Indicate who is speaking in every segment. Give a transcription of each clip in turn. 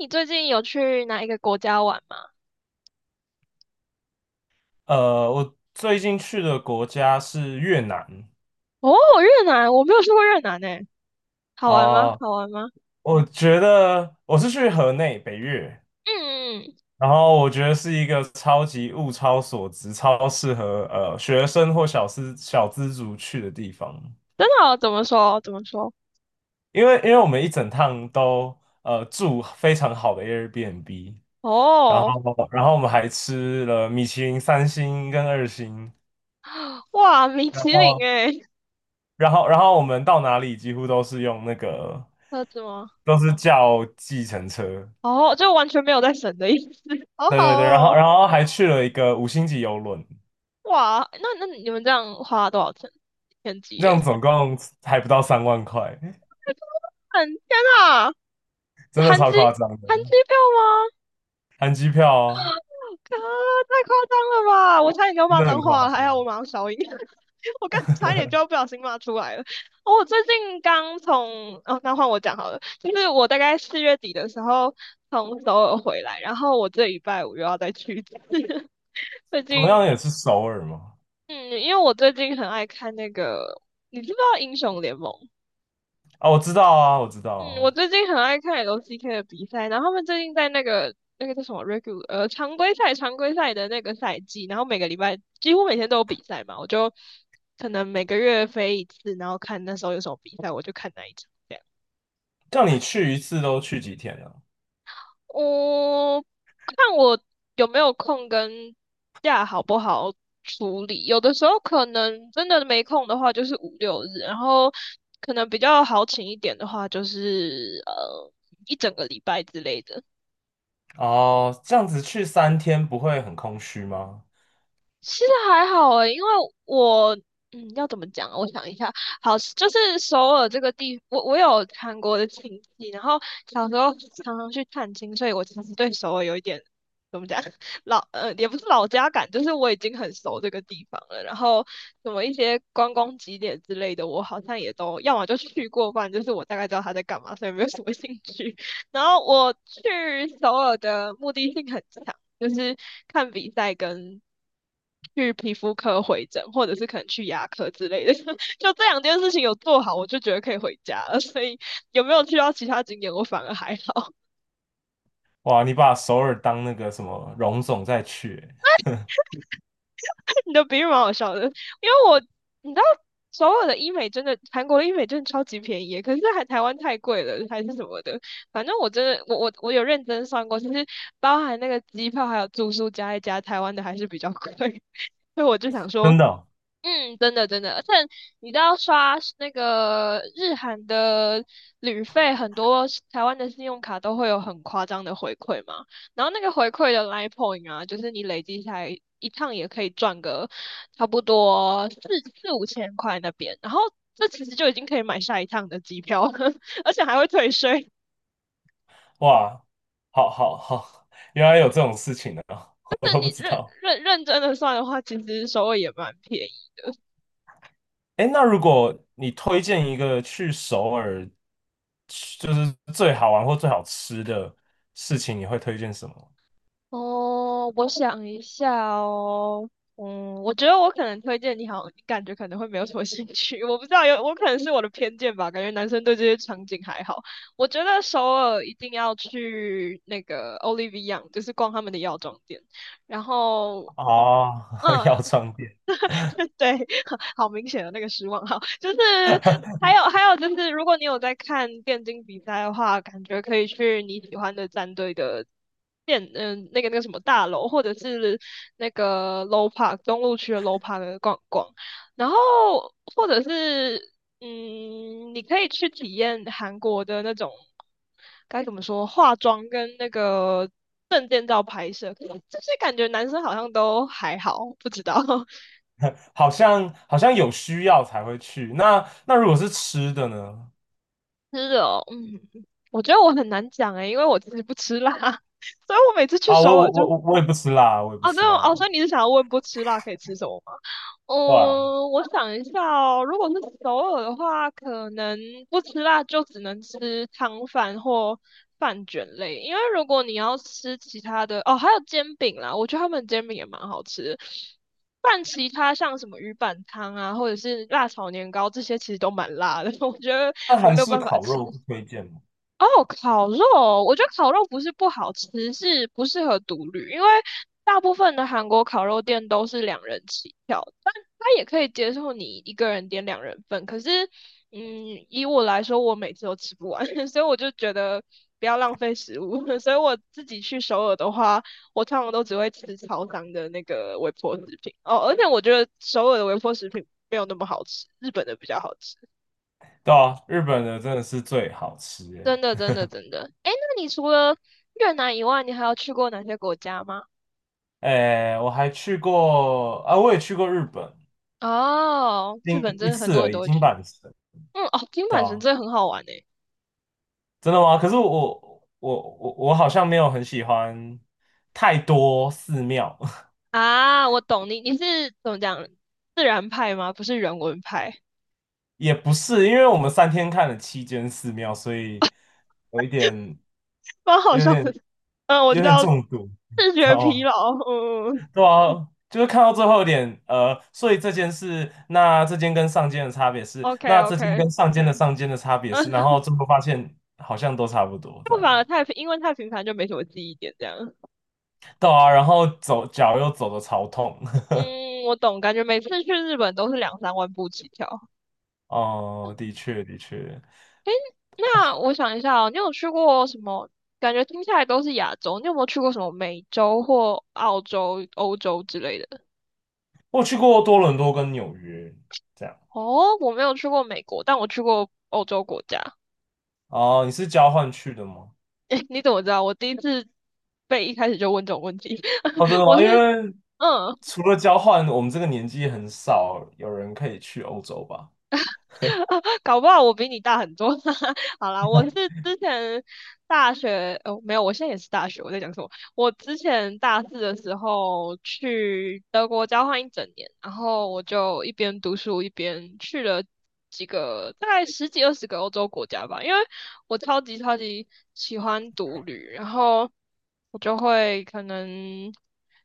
Speaker 1: 你最近有去哪一个国家玩吗？
Speaker 2: 我最近去的国家是越南
Speaker 1: 哦，越南，我没有去过越南呢。好玩吗？
Speaker 2: 啊，
Speaker 1: 好玩吗？
Speaker 2: 我觉得我是去河内北越，
Speaker 1: 嗯，嗯，
Speaker 2: 然后我觉得是一个超级物超所值、超适合学生或小资族去的地方，
Speaker 1: 真的哦怎么说？怎么说？
Speaker 2: 因为我们一整趟都住非常好的 Airbnb，然
Speaker 1: 哦，
Speaker 2: 后然后我们还吃了米其林3星跟2星。
Speaker 1: 哇，米
Speaker 2: 然
Speaker 1: 其林
Speaker 2: 后。
Speaker 1: 诶，
Speaker 2: 然后我们到哪里几乎都是用那个，
Speaker 1: 车子吗？
Speaker 2: 都是叫计程车，
Speaker 1: 哦，就完全没有在省的意思。好
Speaker 2: 对
Speaker 1: 好
Speaker 2: 对对，然后
Speaker 1: 哦，
Speaker 2: 然后还去了一个五星级游轮，
Speaker 1: 哇，那你们这样花了多少钱？天机
Speaker 2: 这样
Speaker 1: 耶！
Speaker 2: 总共还不到30,000块，
Speaker 1: 嗯，天呐，
Speaker 2: 真的
Speaker 1: 含机
Speaker 2: 超夸张
Speaker 1: 含机
Speaker 2: 的，
Speaker 1: 票吗？
Speaker 2: 含机票啊，
Speaker 1: 啊，太夸张了吧！我差点给我
Speaker 2: 真
Speaker 1: 骂
Speaker 2: 的很
Speaker 1: 脏话
Speaker 2: 夸
Speaker 1: 了，还
Speaker 2: 张。
Speaker 1: 好我马上消音。我刚差一点就要 不小心骂出来了。哦我最近刚从，哦，那换我讲好了，就是我大概四月底的时候从首尔回来，然后我这礼拜五又要再去一次。最
Speaker 2: 同
Speaker 1: 近，
Speaker 2: 样也是首尔嘛，
Speaker 1: 嗯，因为我最近很爱看那个，你知不知道英雄联盟？
Speaker 2: 啊，我知道啊，我知道
Speaker 1: 嗯，我
Speaker 2: 啊，
Speaker 1: 最近很爱看 LCK 的比赛，然后他们最近在那个叫什么 regular 常规赛的那个赛季，然后每个礼拜几乎每天都有比赛嘛，我就可能每个月飞一次，然后看那时候有什么比赛，我就看那一场这样。
Speaker 2: 叫你去一次都去几天啊？
Speaker 1: 我看我有没有空跟假好不好处理，有的时候可能真的没空的话就是五六日，然后可能比较好请一点的话就是一整个礼拜之类的。
Speaker 2: 哦，这样子去三天不会很空虚吗？
Speaker 1: 其实还好诶，因为我要怎么讲啊？我想一下，好，就是首尔这个地，我有韩国的亲戚，然后小时候常常去探亲，所以我其实对首尔有一点怎么讲 也不是老家感，就是我已经很熟这个地方了。然后什么一些观光景点之类的，我好像也都要么就去过，不然就是我大概知道他在干嘛，所以没有什么兴趣。然后我去首尔的目的性很强，就是看比赛跟去皮肤科回诊，或者是可能去牙科之类的，就这两件事情有做好，我就觉得可以回家了。所以有没有去到其他景点，我反而还好。
Speaker 2: 哇，你把首尔当那个什么荣总再去欸。
Speaker 1: 你的比喻蛮好笑的，因为我你知道所有的医美真的，韩国的医美真的超级便宜可是还台湾太贵了，还是什么的。反正我真的，我有认真算过，其实包含那个机票还有住宿加一加，台湾的还是比较贵。所以我就想说，
Speaker 2: 真的哦。
Speaker 1: 嗯，真的真的，而且你知道刷那个日韩的旅费，很多是台湾的信用卡都会有很夸张的回馈嘛。然后那个回馈的 Line Point 啊，就是你累积下来一趟也可以赚个差不多四五千块那边，然后这其实就已经可以买下一趟的机票了，而且还会退税。
Speaker 2: 哇，好好好，原来有这种事情的，
Speaker 1: 就
Speaker 2: 我
Speaker 1: 是
Speaker 2: 都不
Speaker 1: 你
Speaker 2: 知
Speaker 1: 认
Speaker 2: 道。
Speaker 1: 认认真的算的话，其实首尔也蛮便宜。
Speaker 2: 哎，那如果你推荐一个去首尔，就是最好玩或最好吃的事情，你会推荐什么？
Speaker 1: 哦，我想一下哦，我觉得我可能推荐你好，你感觉可能会没有什么兴趣，我不知道有，我可能是我的偏见吧，感觉男生对这些场景还好。我觉得首尔一定要去那个 Olive y o n 就是逛他们的药妆店，然后。
Speaker 2: 啊？
Speaker 1: 嗯，
Speaker 2: 药妆店。
Speaker 1: 对，好明显的那个失望，哈，就是 还有就是，如果你有在看电竞比赛的话，感觉可以去你喜欢的战队的那个什么大楼，或者是那个 Low Park 中路区的 Low Park 逛逛，然后或者是你可以去体验韩国的那种。该怎么说？化妆跟那个，就是感觉男生好像都还好，不知道。
Speaker 2: 好像有需要才会去。那如果是吃的呢？
Speaker 1: 吃的哦，我觉得我很难讲诶，因为我自己不吃辣，所以我每次去
Speaker 2: 啊，
Speaker 1: 首
Speaker 2: 我
Speaker 1: 尔
Speaker 2: 我
Speaker 1: 就，
Speaker 2: 我我我也不吃辣，我也不
Speaker 1: 哦，对
Speaker 2: 吃
Speaker 1: 哦，
Speaker 2: 辣。
Speaker 1: 所以你是想要问不吃辣可以吃什么吗？
Speaker 2: 对啊，
Speaker 1: 嗯，我想一下哦，如果是首尔的话，可能不吃辣就只能吃汤饭或饭卷类，因为如果你要吃其他的，哦，还有煎饼啦，我觉得他们煎饼也蛮好吃的。但其他像什么鱼板汤啊，或者是辣炒年糕这些，其实都蛮辣的，我觉得
Speaker 2: 那
Speaker 1: 我
Speaker 2: 韩
Speaker 1: 没有
Speaker 2: 式
Speaker 1: 办法
Speaker 2: 烤
Speaker 1: 吃。
Speaker 2: 肉不推荐吗？
Speaker 1: 哦，烤肉，我觉得烤肉不是不好吃，是不适合独旅，因为大部分的韩国烤肉店都是两人起跳，但他也可以接受你一个人点两人份。可是，以我来说，我每次都吃不完，所以我就觉得不要浪费食物。所以我自己去首尔的话，我通常都只会吃超商的那个微波食品。哦，而且我觉得首尔的微波食品没有那么好吃，日本的比较好吃。
Speaker 2: 对啊，日本的真的是最好吃
Speaker 1: 真
Speaker 2: 诶。
Speaker 1: 的，真的，真的。哎，那你除了越南以外，你还有去过哪些国家吗？
Speaker 2: 哎，我还去过啊，我也去过日本，
Speaker 1: 哦，日
Speaker 2: 另
Speaker 1: 本
Speaker 2: 一
Speaker 1: 真的很
Speaker 2: 次
Speaker 1: 多人
Speaker 2: 而
Speaker 1: 都
Speaker 2: 已，
Speaker 1: 会
Speaker 2: 金
Speaker 1: 去。
Speaker 2: 板神。
Speaker 1: 嗯，哦，金
Speaker 2: 对
Speaker 1: 板神
Speaker 2: 啊，
Speaker 1: 真的很好玩诶。
Speaker 2: 真的吗？可是我好像没有很喜欢太多寺庙，
Speaker 1: 啊，我懂你，你是怎么讲，自然派吗？不是人文派，
Speaker 2: 也不是，因为我们三天看了7间寺庙，所以有一点
Speaker 1: 蛮好
Speaker 2: 有
Speaker 1: 笑
Speaker 2: 点
Speaker 1: 的。嗯，我知
Speaker 2: 有点
Speaker 1: 道，
Speaker 2: 中毒，
Speaker 1: 视
Speaker 2: 知
Speaker 1: 觉
Speaker 2: 道
Speaker 1: 疲
Speaker 2: 吗？
Speaker 1: 劳。嗯
Speaker 2: 对啊，就是看到最后一点，所以这件事，那这间跟上间的差别是，
Speaker 1: ，OK
Speaker 2: 那这间
Speaker 1: OK,
Speaker 2: 跟上间的差别
Speaker 1: 嗯，
Speaker 2: 是，然 后最后发现好像都差不多这
Speaker 1: 就
Speaker 2: 样。
Speaker 1: 反而太平，因为太平凡就没什么记忆点这样。
Speaker 2: 对啊，然后走脚又走的超痛。
Speaker 1: 嗯，我懂，感觉每次去日本都是两三万步起跳。
Speaker 2: 哦，的确的确，
Speaker 1: 那我想一下哦，你有去过什么？感觉听下来都是亚洲，你有没有去过什么美洲或澳洲、欧洲之类的？
Speaker 2: 我去过多伦多跟纽约这样。
Speaker 1: 哦，我没有去过美国，但我去过欧洲国家。
Speaker 2: 哦，你是交换去的吗？
Speaker 1: 诶，你怎么知道？我第一次被一开始就问这种问题，
Speaker 2: 哦，真 的
Speaker 1: 我
Speaker 2: 吗？
Speaker 1: 是
Speaker 2: 因为
Speaker 1: 嗯
Speaker 2: 除了交换，我们这个年纪很少有人可以去欧洲吧。
Speaker 1: 搞不好我比你大很多。好啦，我是之前大学，哦，没有，我现在也是大学。我在讲什么？我之前大四的时候去德国交换一整年，然后我就一边读书一边去了几个，大概十几二十个欧洲国家吧。因为我超级超级喜欢独旅，然后我就会可能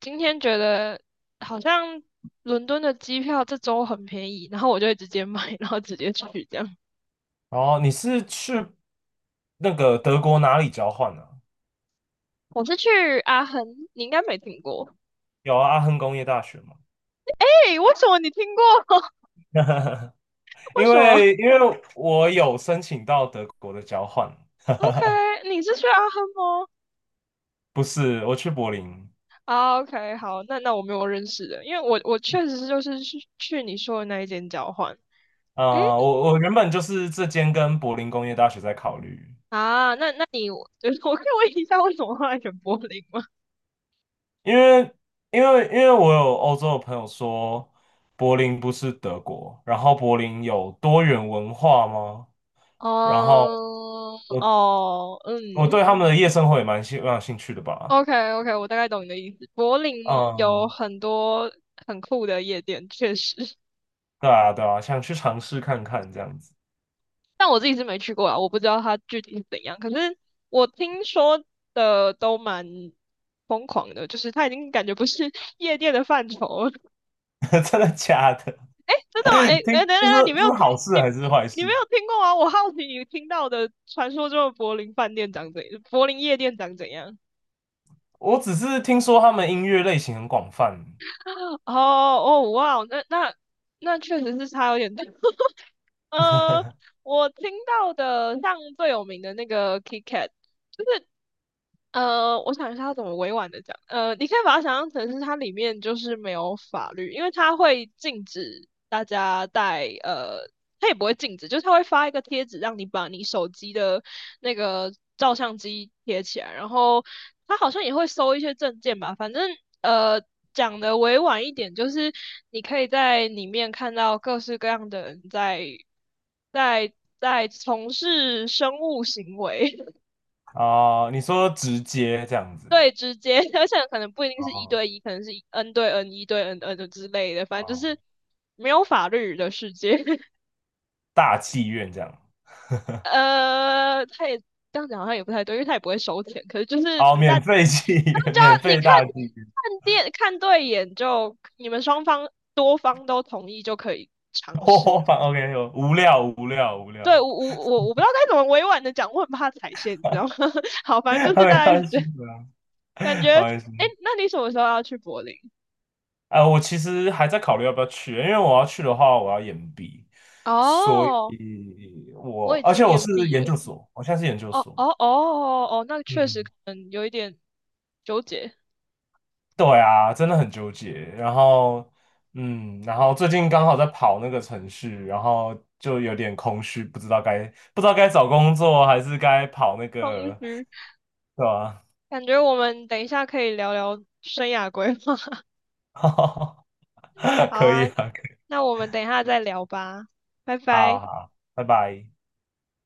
Speaker 1: 今天觉得好像伦敦的机票这周很便宜，然后我就会直接买，然后直接去这样。
Speaker 2: 哦，你是去那个德国哪里交换呢、
Speaker 1: 我是去阿亨，你应该没听过。
Speaker 2: 有啊阿亨工业大学吗？
Speaker 1: 诶，为什么你听过？为
Speaker 2: 因
Speaker 1: 什么
Speaker 2: 为因为我有申请到德国的交换，
Speaker 1: ？OK,你是去阿亨吗？
Speaker 2: 不是我去柏林。
Speaker 1: 啊，OK,好，那我没有认识的，因为我确实是就是去你说的那一间交换。诶，
Speaker 2: 啊、我原本就是这间跟柏林工业大学在考虑，
Speaker 1: 啊，那你就是 我可以问一下为什么后来选柏林吗？
Speaker 2: 因为因为我有欧洲的朋友说柏林不是德国，然后柏林有多元文化吗？然后
Speaker 1: 哦
Speaker 2: 我
Speaker 1: 哦，嗯，
Speaker 2: 我对他们的夜生活也蛮有兴趣的吧。
Speaker 1: OK OK,我大概懂你的意思。柏林有
Speaker 2: 嗯，
Speaker 1: 很多很酷的夜店，确实，
Speaker 2: 对啊，对啊，想去尝试看看这样子。
Speaker 1: 但我自己是没去过啊，我不知道它具体是怎样。可是我听说的都蛮疯狂的，就是它已经感觉不是 夜店的范畴了。
Speaker 2: 真的假的？
Speaker 1: 真 的吗？哎、哎、
Speaker 2: 听，
Speaker 1: 等等
Speaker 2: 这
Speaker 1: 等，你
Speaker 2: 是
Speaker 1: 没
Speaker 2: 这
Speaker 1: 有
Speaker 2: 是
Speaker 1: 听
Speaker 2: 好事
Speaker 1: 你
Speaker 2: 还是坏
Speaker 1: 你没
Speaker 2: 事？
Speaker 1: 有听过吗？我好奇你听到的传说中的柏林夜店长怎样？
Speaker 2: 我只是听说他们音乐类型很广泛。
Speaker 1: 哦哦哇哦，那确实是差有点多。呃，我听到的像最有名的那个 KitKat,就是我想一下要怎么委婉的讲。你可以把它想象成是它里面就是没有法律，因为它会禁止大家带它也不会禁止，就是它会发一个贴纸让你把你手机的那个照相机贴起来，然后它好像也会收一些证件吧，反正呃。讲的委婉一点，就是你可以在里面看到各式各样的人在在从事生物行为，
Speaker 2: 哦，你说直接这样子。
Speaker 1: 对，直接，而且可能不一定是一
Speaker 2: 哦
Speaker 1: 对一，可能是 N 对 N、一对 N、 N 之类的，反正就
Speaker 2: 哦，
Speaker 1: 是没有法律的世界。
Speaker 2: 大妓院这样。
Speaker 1: 他也这样讲好像也不太对，因为他也不会收钱，可是就是
Speaker 2: 哦，
Speaker 1: 大大
Speaker 2: 免费妓院，
Speaker 1: 家
Speaker 2: 免
Speaker 1: 你
Speaker 2: 费
Speaker 1: 看
Speaker 2: 大妓院。
Speaker 1: 看电看对眼就，你们双方多方都同意就可以尝 试。
Speaker 2: 我反 OK,有无聊无聊无
Speaker 1: 对，
Speaker 2: 聊。
Speaker 1: 我不知道该怎么委婉的讲，我很怕踩线，你知道吗？好，反正就是大
Speaker 2: 没
Speaker 1: 概是
Speaker 2: 关
Speaker 1: 这
Speaker 2: 系
Speaker 1: 样，
Speaker 2: 的，
Speaker 1: 感觉。
Speaker 2: 没关系。
Speaker 1: 哎，那你什么时候要去柏林？
Speaker 2: 我其实还在考虑要不要去，因为我要去的话，我要延毕，所
Speaker 1: 哦、
Speaker 2: 以
Speaker 1: 我
Speaker 2: 我
Speaker 1: 已
Speaker 2: 而且
Speaker 1: 经
Speaker 2: 我
Speaker 1: 延
Speaker 2: 是
Speaker 1: 毕
Speaker 2: 研
Speaker 1: 了。
Speaker 2: 究所，我现在是研究
Speaker 1: 哦
Speaker 2: 所。
Speaker 1: 哦哦哦，哦，那确实
Speaker 2: 嗯，
Speaker 1: 可能有一点纠结、
Speaker 2: 对啊，真的很纠结。然后，嗯，然后最近刚好在跑那个程序，然后就有点空虚，不知道该找工作还是该跑那
Speaker 1: 同
Speaker 2: 个，
Speaker 1: 时，
Speaker 2: 对吧？
Speaker 1: 感觉我们等一下可以聊聊生涯规划。好
Speaker 2: 可
Speaker 1: 啊，
Speaker 2: 以啊，可以
Speaker 1: 那我们等一下再聊吧，拜
Speaker 2: 好
Speaker 1: 拜。
Speaker 2: 好，拜拜。